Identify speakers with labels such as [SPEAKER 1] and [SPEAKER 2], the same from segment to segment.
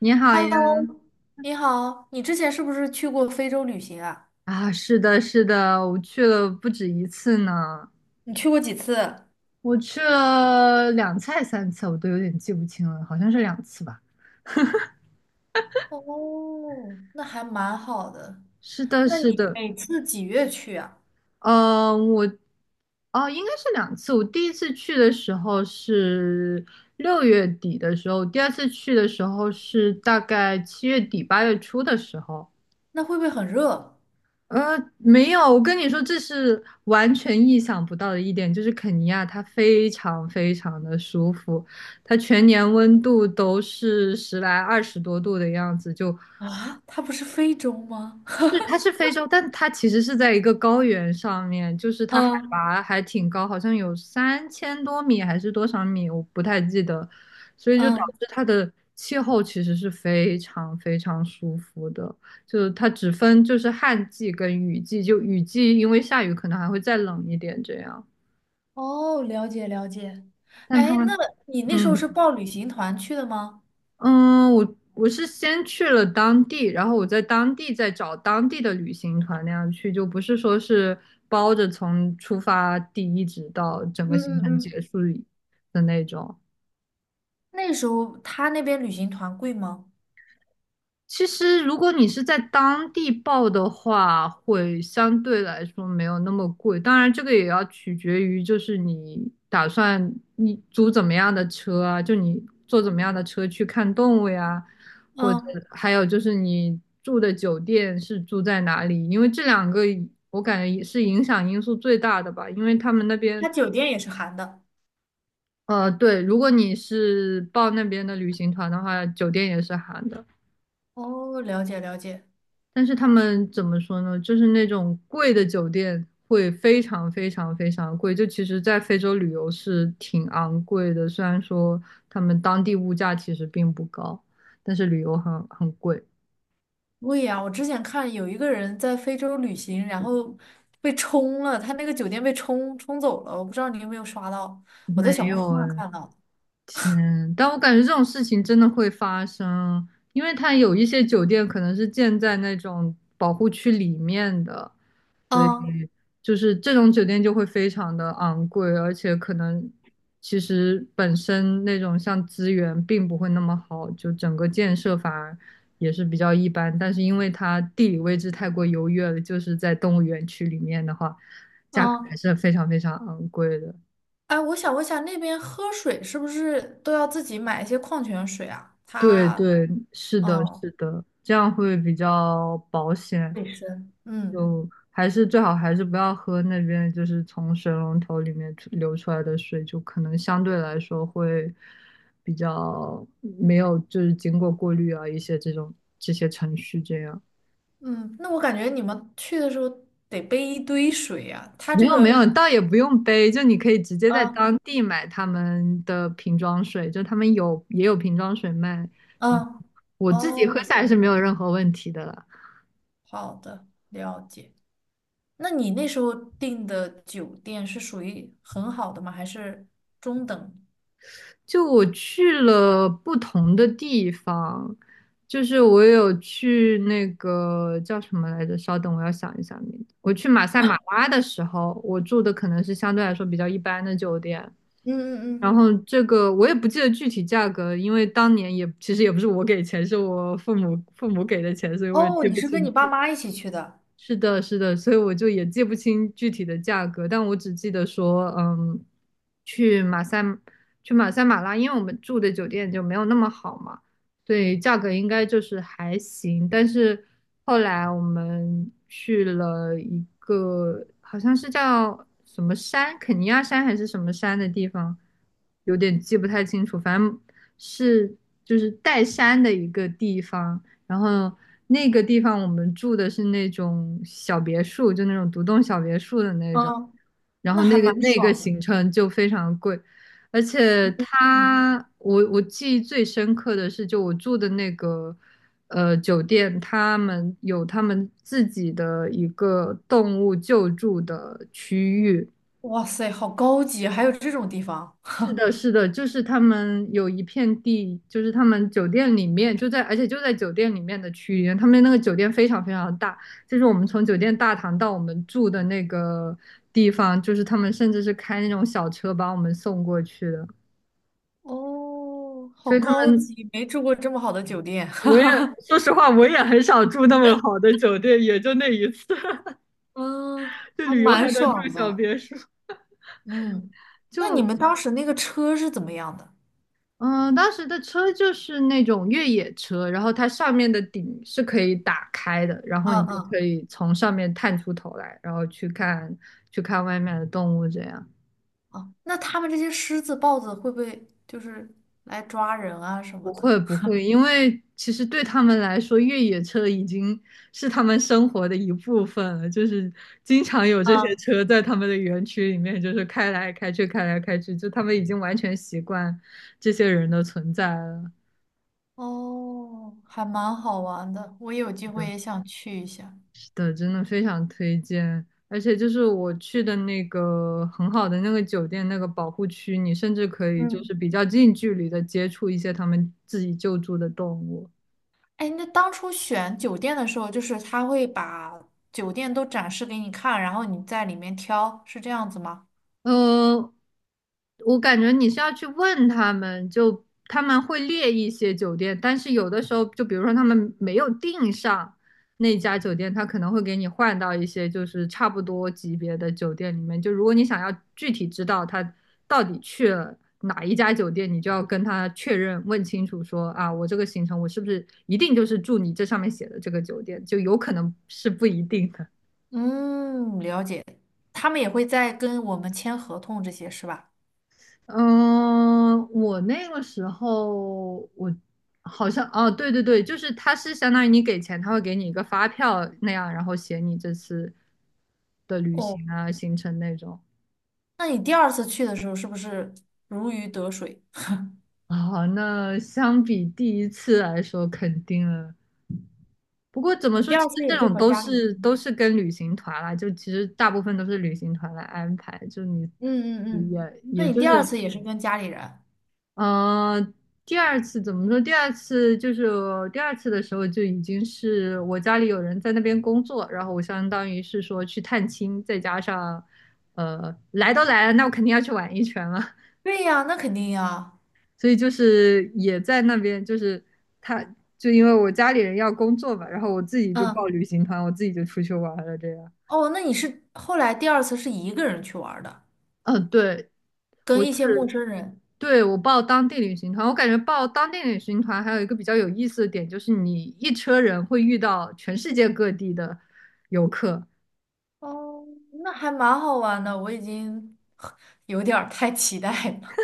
[SPEAKER 1] 你好呀，
[SPEAKER 2] Hello，你好，你之前是不是去过非洲旅行啊？
[SPEAKER 1] 啊，是的，是的，我去了不止一次呢，
[SPEAKER 2] 你去过几次？
[SPEAKER 1] 我去了两次还是3次，我都有点记不清了，好像是两次吧。
[SPEAKER 2] 哦，那还蛮好的。
[SPEAKER 1] 是的，
[SPEAKER 2] 那
[SPEAKER 1] 是
[SPEAKER 2] 你
[SPEAKER 1] 的，
[SPEAKER 2] 每次几月去啊？
[SPEAKER 1] 呃，我，哦，应该是两次。我第一次去的时候是6月底的时候，第二次去的时候是大概7月底8月初的时候。
[SPEAKER 2] 那会不会很热
[SPEAKER 1] 没有，我跟你说，这是完全意想不到的一点，就是肯尼亚它非常非常的舒服，它全年温度都是十来二十多度的样子，就
[SPEAKER 2] 啊？它不是非洲吗？
[SPEAKER 1] 是，它是非洲，但它其实是在一个高原上面，就是它海
[SPEAKER 2] 嗯
[SPEAKER 1] 拔还挺高，好像有3000多米还是多少米，我不太记得，所以就导
[SPEAKER 2] 嗯，
[SPEAKER 1] 致它的气候其实是非常非常舒服的，就是它只分就是旱季跟雨季，就雨季因为下雨可能还会再冷一点这样，
[SPEAKER 2] 哦，了解了解。
[SPEAKER 1] 但它
[SPEAKER 2] 哎，那你那时候是
[SPEAKER 1] 嗯
[SPEAKER 2] 报旅行团去的吗？
[SPEAKER 1] 嗯，我是先去了当地，然后我在当地再找当地的旅行团那样去，就不是说是包着从出发地一直到整个
[SPEAKER 2] 嗯
[SPEAKER 1] 行
[SPEAKER 2] 嗯
[SPEAKER 1] 程
[SPEAKER 2] 嗯
[SPEAKER 1] 结束的那种。
[SPEAKER 2] 那时候他那边旅行团贵吗？
[SPEAKER 1] 其实如果你是在当地报的话，会相对来说没有那么贵。当然，这个也要取决于就是你打算你租怎么样的车啊，就你坐怎么样的车去看动物呀。或者
[SPEAKER 2] 嗯，
[SPEAKER 1] 还有就是你住的酒店是住在哪里？因为这两个我感觉也是影响因素最大的吧，因为他们那边，
[SPEAKER 2] 他酒店也是含的。
[SPEAKER 1] 对，如果你是报那边的旅行团的话，酒店也是含的，
[SPEAKER 2] 哦，了解了解。
[SPEAKER 1] 但是他们怎么说呢？就是那种贵的酒店会非常非常非常贵，就其实在非洲旅游是挺昂贵的，虽然说他们当地物价其实并不高，但是旅游很贵。
[SPEAKER 2] 对呀，我之前看有一个人在非洲旅行，然后被冲了，他那个酒店被冲走了，我不知道你有没有刷到，我
[SPEAKER 1] 没
[SPEAKER 2] 在小红书
[SPEAKER 1] 有
[SPEAKER 2] 上
[SPEAKER 1] 哎，
[SPEAKER 2] 看到的。
[SPEAKER 1] 天，但我感觉这种事情真的会发生，因为它有一些酒店可能是建在那种保护区里面的，所以
[SPEAKER 2] 嗯
[SPEAKER 1] 就是这种酒店就会非常的昂贵，而且可能其实本身那种像资源并不会那么好，就整个建设反而也是比较一般，但是因为它地理位置太过优越了，就是在动物园区里面的话，价格还
[SPEAKER 2] 嗯，
[SPEAKER 1] 是非常非常昂贵的。
[SPEAKER 2] 哎，我想问一下，那边喝水是不是都要自己买一些矿泉水啊？
[SPEAKER 1] 对
[SPEAKER 2] 他，
[SPEAKER 1] 对，是的，
[SPEAKER 2] 嗯，
[SPEAKER 1] 是的，这样会比较保险。
[SPEAKER 2] 卫生。嗯
[SPEAKER 1] 就还是最好还是不要喝那边就是从水龙头里面流出来的水，就可能相对来说会比较没有就是经过过滤啊一些这些程序这样。
[SPEAKER 2] 嗯，那我感觉你们去的时候得背一堆水呀、他
[SPEAKER 1] 没
[SPEAKER 2] 这
[SPEAKER 1] 有没
[SPEAKER 2] 个，
[SPEAKER 1] 有，倒也不用杯，就你可以直接在
[SPEAKER 2] 嗯
[SPEAKER 1] 当地买他们的瓶装水，就他们有也有瓶装水卖。然后
[SPEAKER 2] 嗯，
[SPEAKER 1] 我自己
[SPEAKER 2] 哦，
[SPEAKER 1] 喝
[SPEAKER 2] 我
[SPEAKER 1] 下来
[SPEAKER 2] 了
[SPEAKER 1] 是
[SPEAKER 2] 解
[SPEAKER 1] 没
[SPEAKER 2] 了
[SPEAKER 1] 有任何问题的了。
[SPEAKER 2] 好的，了解。那你那时候订的酒店是属于很好的吗？还是中等？
[SPEAKER 1] 就我去了不同的地方，就是我有去那个叫什么来着？稍等，我要想一下名字。我去马赛马拉的时候，我住的可能是相对来说比较一般的酒店，
[SPEAKER 2] 嗯嗯
[SPEAKER 1] 然
[SPEAKER 2] 嗯，
[SPEAKER 1] 后这个我也不记得具体价格，因为当年也其实也不是我给钱，是我父母给的钱，所以我也
[SPEAKER 2] 哦，
[SPEAKER 1] 记
[SPEAKER 2] 你
[SPEAKER 1] 不
[SPEAKER 2] 是跟
[SPEAKER 1] 清
[SPEAKER 2] 你爸
[SPEAKER 1] 楚。
[SPEAKER 2] 妈一起去的，
[SPEAKER 1] 是的，是的，所以我就也记不清具体的价格，但我只记得说，嗯，去马赛去马赛马拉，因为我们住的酒店就没有那么好嘛，所以价格应该就是还行。但是后来我们去了一个好像是叫什么山，肯尼亚山还是什么山的地方，有点记不太清楚，反正是就是带山的一个地方。然后那个地方我们住的是那种小别墅，就那种独栋小别墅的那种。
[SPEAKER 2] 嗯，
[SPEAKER 1] 然
[SPEAKER 2] 那
[SPEAKER 1] 后
[SPEAKER 2] 还
[SPEAKER 1] 那个
[SPEAKER 2] 蛮
[SPEAKER 1] 那个
[SPEAKER 2] 爽的。
[SPEAKER 1] 行程就非常贵，而且
[SPEAKER 2] 嗯，
[SPEAKER 1] 我记忆最深刻的是，就我住的那个酒店，他们有他们自己的一个动物救助的区域，
[SPEAKER 2] 哇塞，好高级，还有这种地方，
[SPEAKER 1] 是的，是的，就是他们有一片地，就是他们酒店里面就在，而且就在酒店里面的区域，他们那个酒店非常非常大，就是我们从酒店大堂到我们住的那个地方，就是他们甚至是开那种小车把我们送过去的，
[SPEAKER 2] 哦，好
[SPEAKER 1] 所以他
[SPEAKER 2] 高
[SPEAKER 1] 们
[SPEAKER 2] 级，没住过这么好的酒店。
[SPEAKER 1] 我也 说实话，我也很少住那么好的酒店，也就那一次，
[SPEAKER 2] 嗯，
[SPEAKER 1] 就
[SPEAKER 2] 还
[SPEAKER 1] 旅游
[SPEAKER 2] 蛮
[SPEAKER 1] 还能住
[SPEAKER 2] 爽
[SPEAKER 1] 小
[SPEAKER 2] 的，
[SPEAKER 1] 别墅，
[SPEAKER 2] 嗯 那你
[SPEAKER 1] 就。
[SPEAKER 2] 们当时那个车是怎么样的？
[SPEAKER 1] 嗯，当时的车就是那种越野车，然后它上面的顶是可以打开的，然后
[SPEAKER 2] 嗯
[SPEAKER 1] 你就可
[SPEAKER 2] 嗯，
[SPEAKER 1] 以从上面探出头来，然后去看外面的动物这样。
[SPEAKER 2] 哦，那他们这些狮子、豹子会不会就是来抓人啊什么
[SPEAKER 1] 不
[SPEAKER 2] 的？
[SPEAKER 1] 会不会，因为其实对他们来说，越野车已经是他们生活的一部分了，就是经常有这些车在他们的园区里面，就是开来开去，开来开去，就他们已经完全习惯这些人的存在了。
[SPEAKER 2] 哦，还蛮好玩的，我有机会也想去一下。
[SPEAKER 1] 是的，真的非常推荐。而且就是我去的那个很好的那个酒店，那个保护区，你甚至可以就
[SPEAKER 2] 嗯，
[SPEAKER 1] 是比较近距离的接触一些他们自己救助的动物。
[SPEAKER 2] 哎，那当初选酒店的时候，就是他会把酒店都展示给你看，然后你在里面挑，是这样子吗？
[SPEAKER 1] 呃，我感觉你是要去问他们，就他们会列一些酒店，但是有的时候，就比如说他们没有订上那家酒店，他可能会给你换到一些就是差不多级别的酒店里面。就如果你想要具体知道他到底去了哪一家酒店，你就要跟他确认，问清楚说啊，我这个行程我是不是一定就是住你这上面写的这个酒店，就有可能是不一定的。
[SPEAKER 2] 嗯，了解。他们也会在跟我们签合同这些，是吧？
[SPEAKER 1] 嗯，我那个时候我好像哦，对对对，就是他是相当于你给钱，他会给你一个发票那样，然后写你这次的旅
[SPEAKER 2] 哦，
[SPEAKER 1] 行啊、行程那种。
[SPEAKER 2] 那你第二次去的时候是不是如鱼得水？
[SPEAKER 1] 啊、那相比第一次来说，肯定了。不过怎么
[SPEAKER 2] 你
[SPEAKER 1] 说，
[SPEAKER 2] 第
[SPEAKER 1] 其
[SPEAKER 2] 二
[SPEAKER 1] 实
[SPEAKER 2] 次
[SPEAKER 1] 这
[SPEAKER 2] 也是
[SPEAKER 1] 种
[SPEAKER 2] 和
[SPEAKER 1] 都
[SPEAKER 2] 家里
[SPEAKER 1] 是
[SPEAKER 2] 人？
[SPEAKER 1] 都是跟旅行团啦，就其实大部分都是旅行团来安排，就你
[SPEAKER 2] 嗯嗯
[SPEAKER 1] 也
[SPEAKER 2] 嗯，那
[SPEAKER 1] 也
[SPEAKER 2] 你
[SPEAKER 1] 就
[SPEAKER 2] 第
[SPEAKER 1] 是
[SPEAKER 2] 二次也是跟家里人？
[SPEAKER 1] 嗯，第二次怎么说？第二次就是我第二次的时候就已经是我家里有人在那边工作，然后我相当于是说去探亲，再加上来都来了，那我肯定要去玩一圈了，
[SPEAKER 2] 对呀，那肯定呀。
[SPEAKER 1] 所以就是也在那边，就是他就因为我家里人要工作嘛，然后我自己就报
[SPEAKER 2] 嗯。
[SPEAKER 1] 旅行团，我自己就出去玩了这样。
[SPEAKER 2] 哦，那你是后来第二次是一个人去玩儿的，
[SPEAKER 1] 嗯，对，我
[SPEAKER 2] 跟
[SPEAKER 1] 就
[SPEAKER 2] 一些陌
[SPEAKER 1] 是。
[SPEAKER 2] 生人。
[SPEAKER 1] 对，我报当地旅行团，我感觉报当地旅行团还有一个比较有意思的点，就是你一车人会遇到全世界各地的游客，
[SPEAKER 2] 哦，那还蛮好玩的，我已经 有点儿太期待了。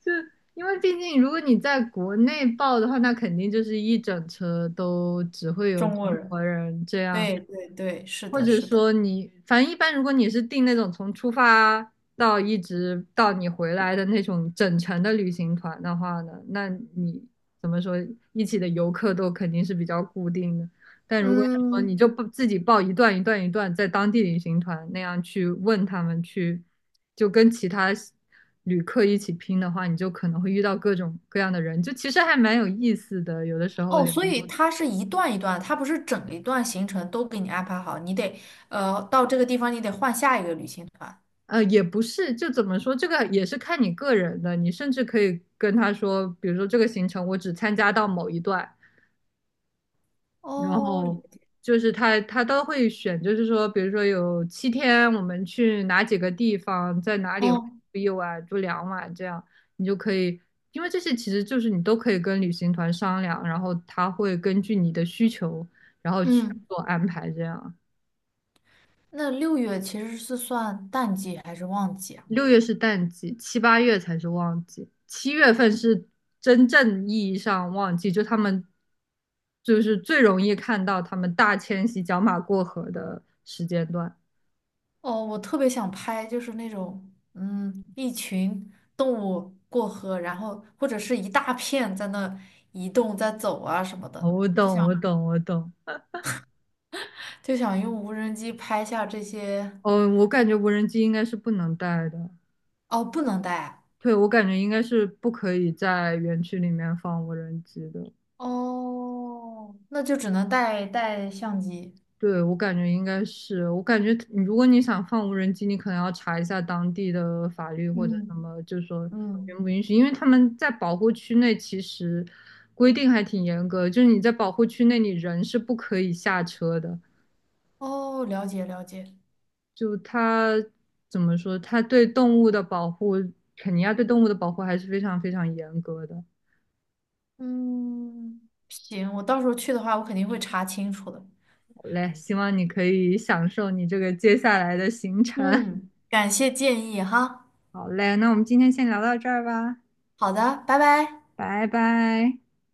[SPEAKER 1] 就因为毕竟如果你在国内报的话，那肯定就是一整车都只会有
[SPEAKER 2] 中国
[SPEAKER 1] 中
[SPEAKER 2] 人，
[SPEAKER 1] 国人这样，
[SPEAKER 2] 对对对，是
[SPEAKER 1] 或
[SPEAKER 2] 的，
[SPEAKER 1] 者
[SPEAKER 2] 是的。
[SPEAKER 1] 说你反正一般如果你是订那种从出发到一直到你回来的那种整程的旅行团的话呢，那你怎么说一起的游客都肯定是比较固定的。但如果你说你
[SPEAKER 2] 嗯，
[SPEAKER 1] 就不自己报一段一段一段，在当地旅行团那样去问他们去，就跟其他旅客一起拼的话，你就可能会遇到各种各样的人，就其实还蛮有意思的。有的时候
[SPEAKER 2] 哦，
[SPEAKER 1] 聊
[SPEAKER 2] 所以
[SPEAKER 1] 一，
[SPEAKER 2] 它是一段一段，它不是整一段行程都给你安排好，你得到这个地方，你得换下一个旅行团。
[SPEAKER 1] 也不是，就怎么说，这个也是看你个人的。你甚至可以跟他说，比如说这个行程我只参加到某一段，然
[SPEAKER 2] 哦，了
[SPEAKER 1] 后
[SPEAKER 2] 解
[SPEAKER 1] 就是他都会选，就是说，比如说有7天，我们去哪几个地方，在哪里会
[SPEAKER 2] 哦，
[SPEAKER 1] 住1晚、住2晚，这样你就可以，因为这些其实就是你都可以跟旅行团商量，然后他会根据你的需求，然后去
[SPEAKER 2] 嗯，
[SPEAKER 1] 做安排。这样，
[SPEAKER 2] 那六月其实是算淡季还是旺季啊？
[SPEAKER 1] 六月是淡季，七八月才是旺季，7月份是真正意义上旺季，就他们就是最容易看到他们大迁徙、角马过河的时间段。
[SPEAKER 2] 哦，我特别想拍，就是那种，嗯，一群动物过河，然后或者是一大片在那移动、在走啊什么
[SPEAKER 1] 哦
[SPEAKER 2] 的，
[SPEAKER 1] 我
[SPEAKER 2] 就
[SPEAKER 1] 懂，
[SPEAKER 2] 想
[SPEAKER 1] 我懂，我懂。
[SPEAKER 2] 就想用无人机拍下这些。
[SPEAKER 1] 哦，我感觉无人机应该是不能带的。
[SPEAKER 2] 哦，不能带啊
[SPEAKER 1] 对，我感觉应该是不可以在园区里面放无人机的。
[SPEAKER 2] 哦，那就只能带相机。
[SPEAKER 1] 对，我感觉应该是，我感觉你如果你想放无人机，你可能要查一下当地的法律或者什
[SPEAKER 2] 嗯
[SPEAKER 1] 么，就是说允
[SPEAKER 2] 嗯，
[SPEAKER 1] 不允许，因为他们在保护区内其实规定还挺严格，就是你在保护区内你人是不可以下车的。
[SPEAKER 2] 哦，了解了解。
[SPEAKER 1] 就它怎么说，它对动物的保护，肯尼亚对动物的保护还是非常非常严格的。
[SPEAKER 2] 嗯，行，我到时候去的话，我肯定会查清楚的。
[SPEAKER 1] 好嘞，希望你可以享受你这个接下来的行程。
[SPEAKER 2] 嗯，感谢建议哈。
[SPEAKER 1] 好嘞，那我们今天先聊到这儿吧，
[SPEAKER 2] 好的，拜拜。
[SPEAKER 1] 拜拜。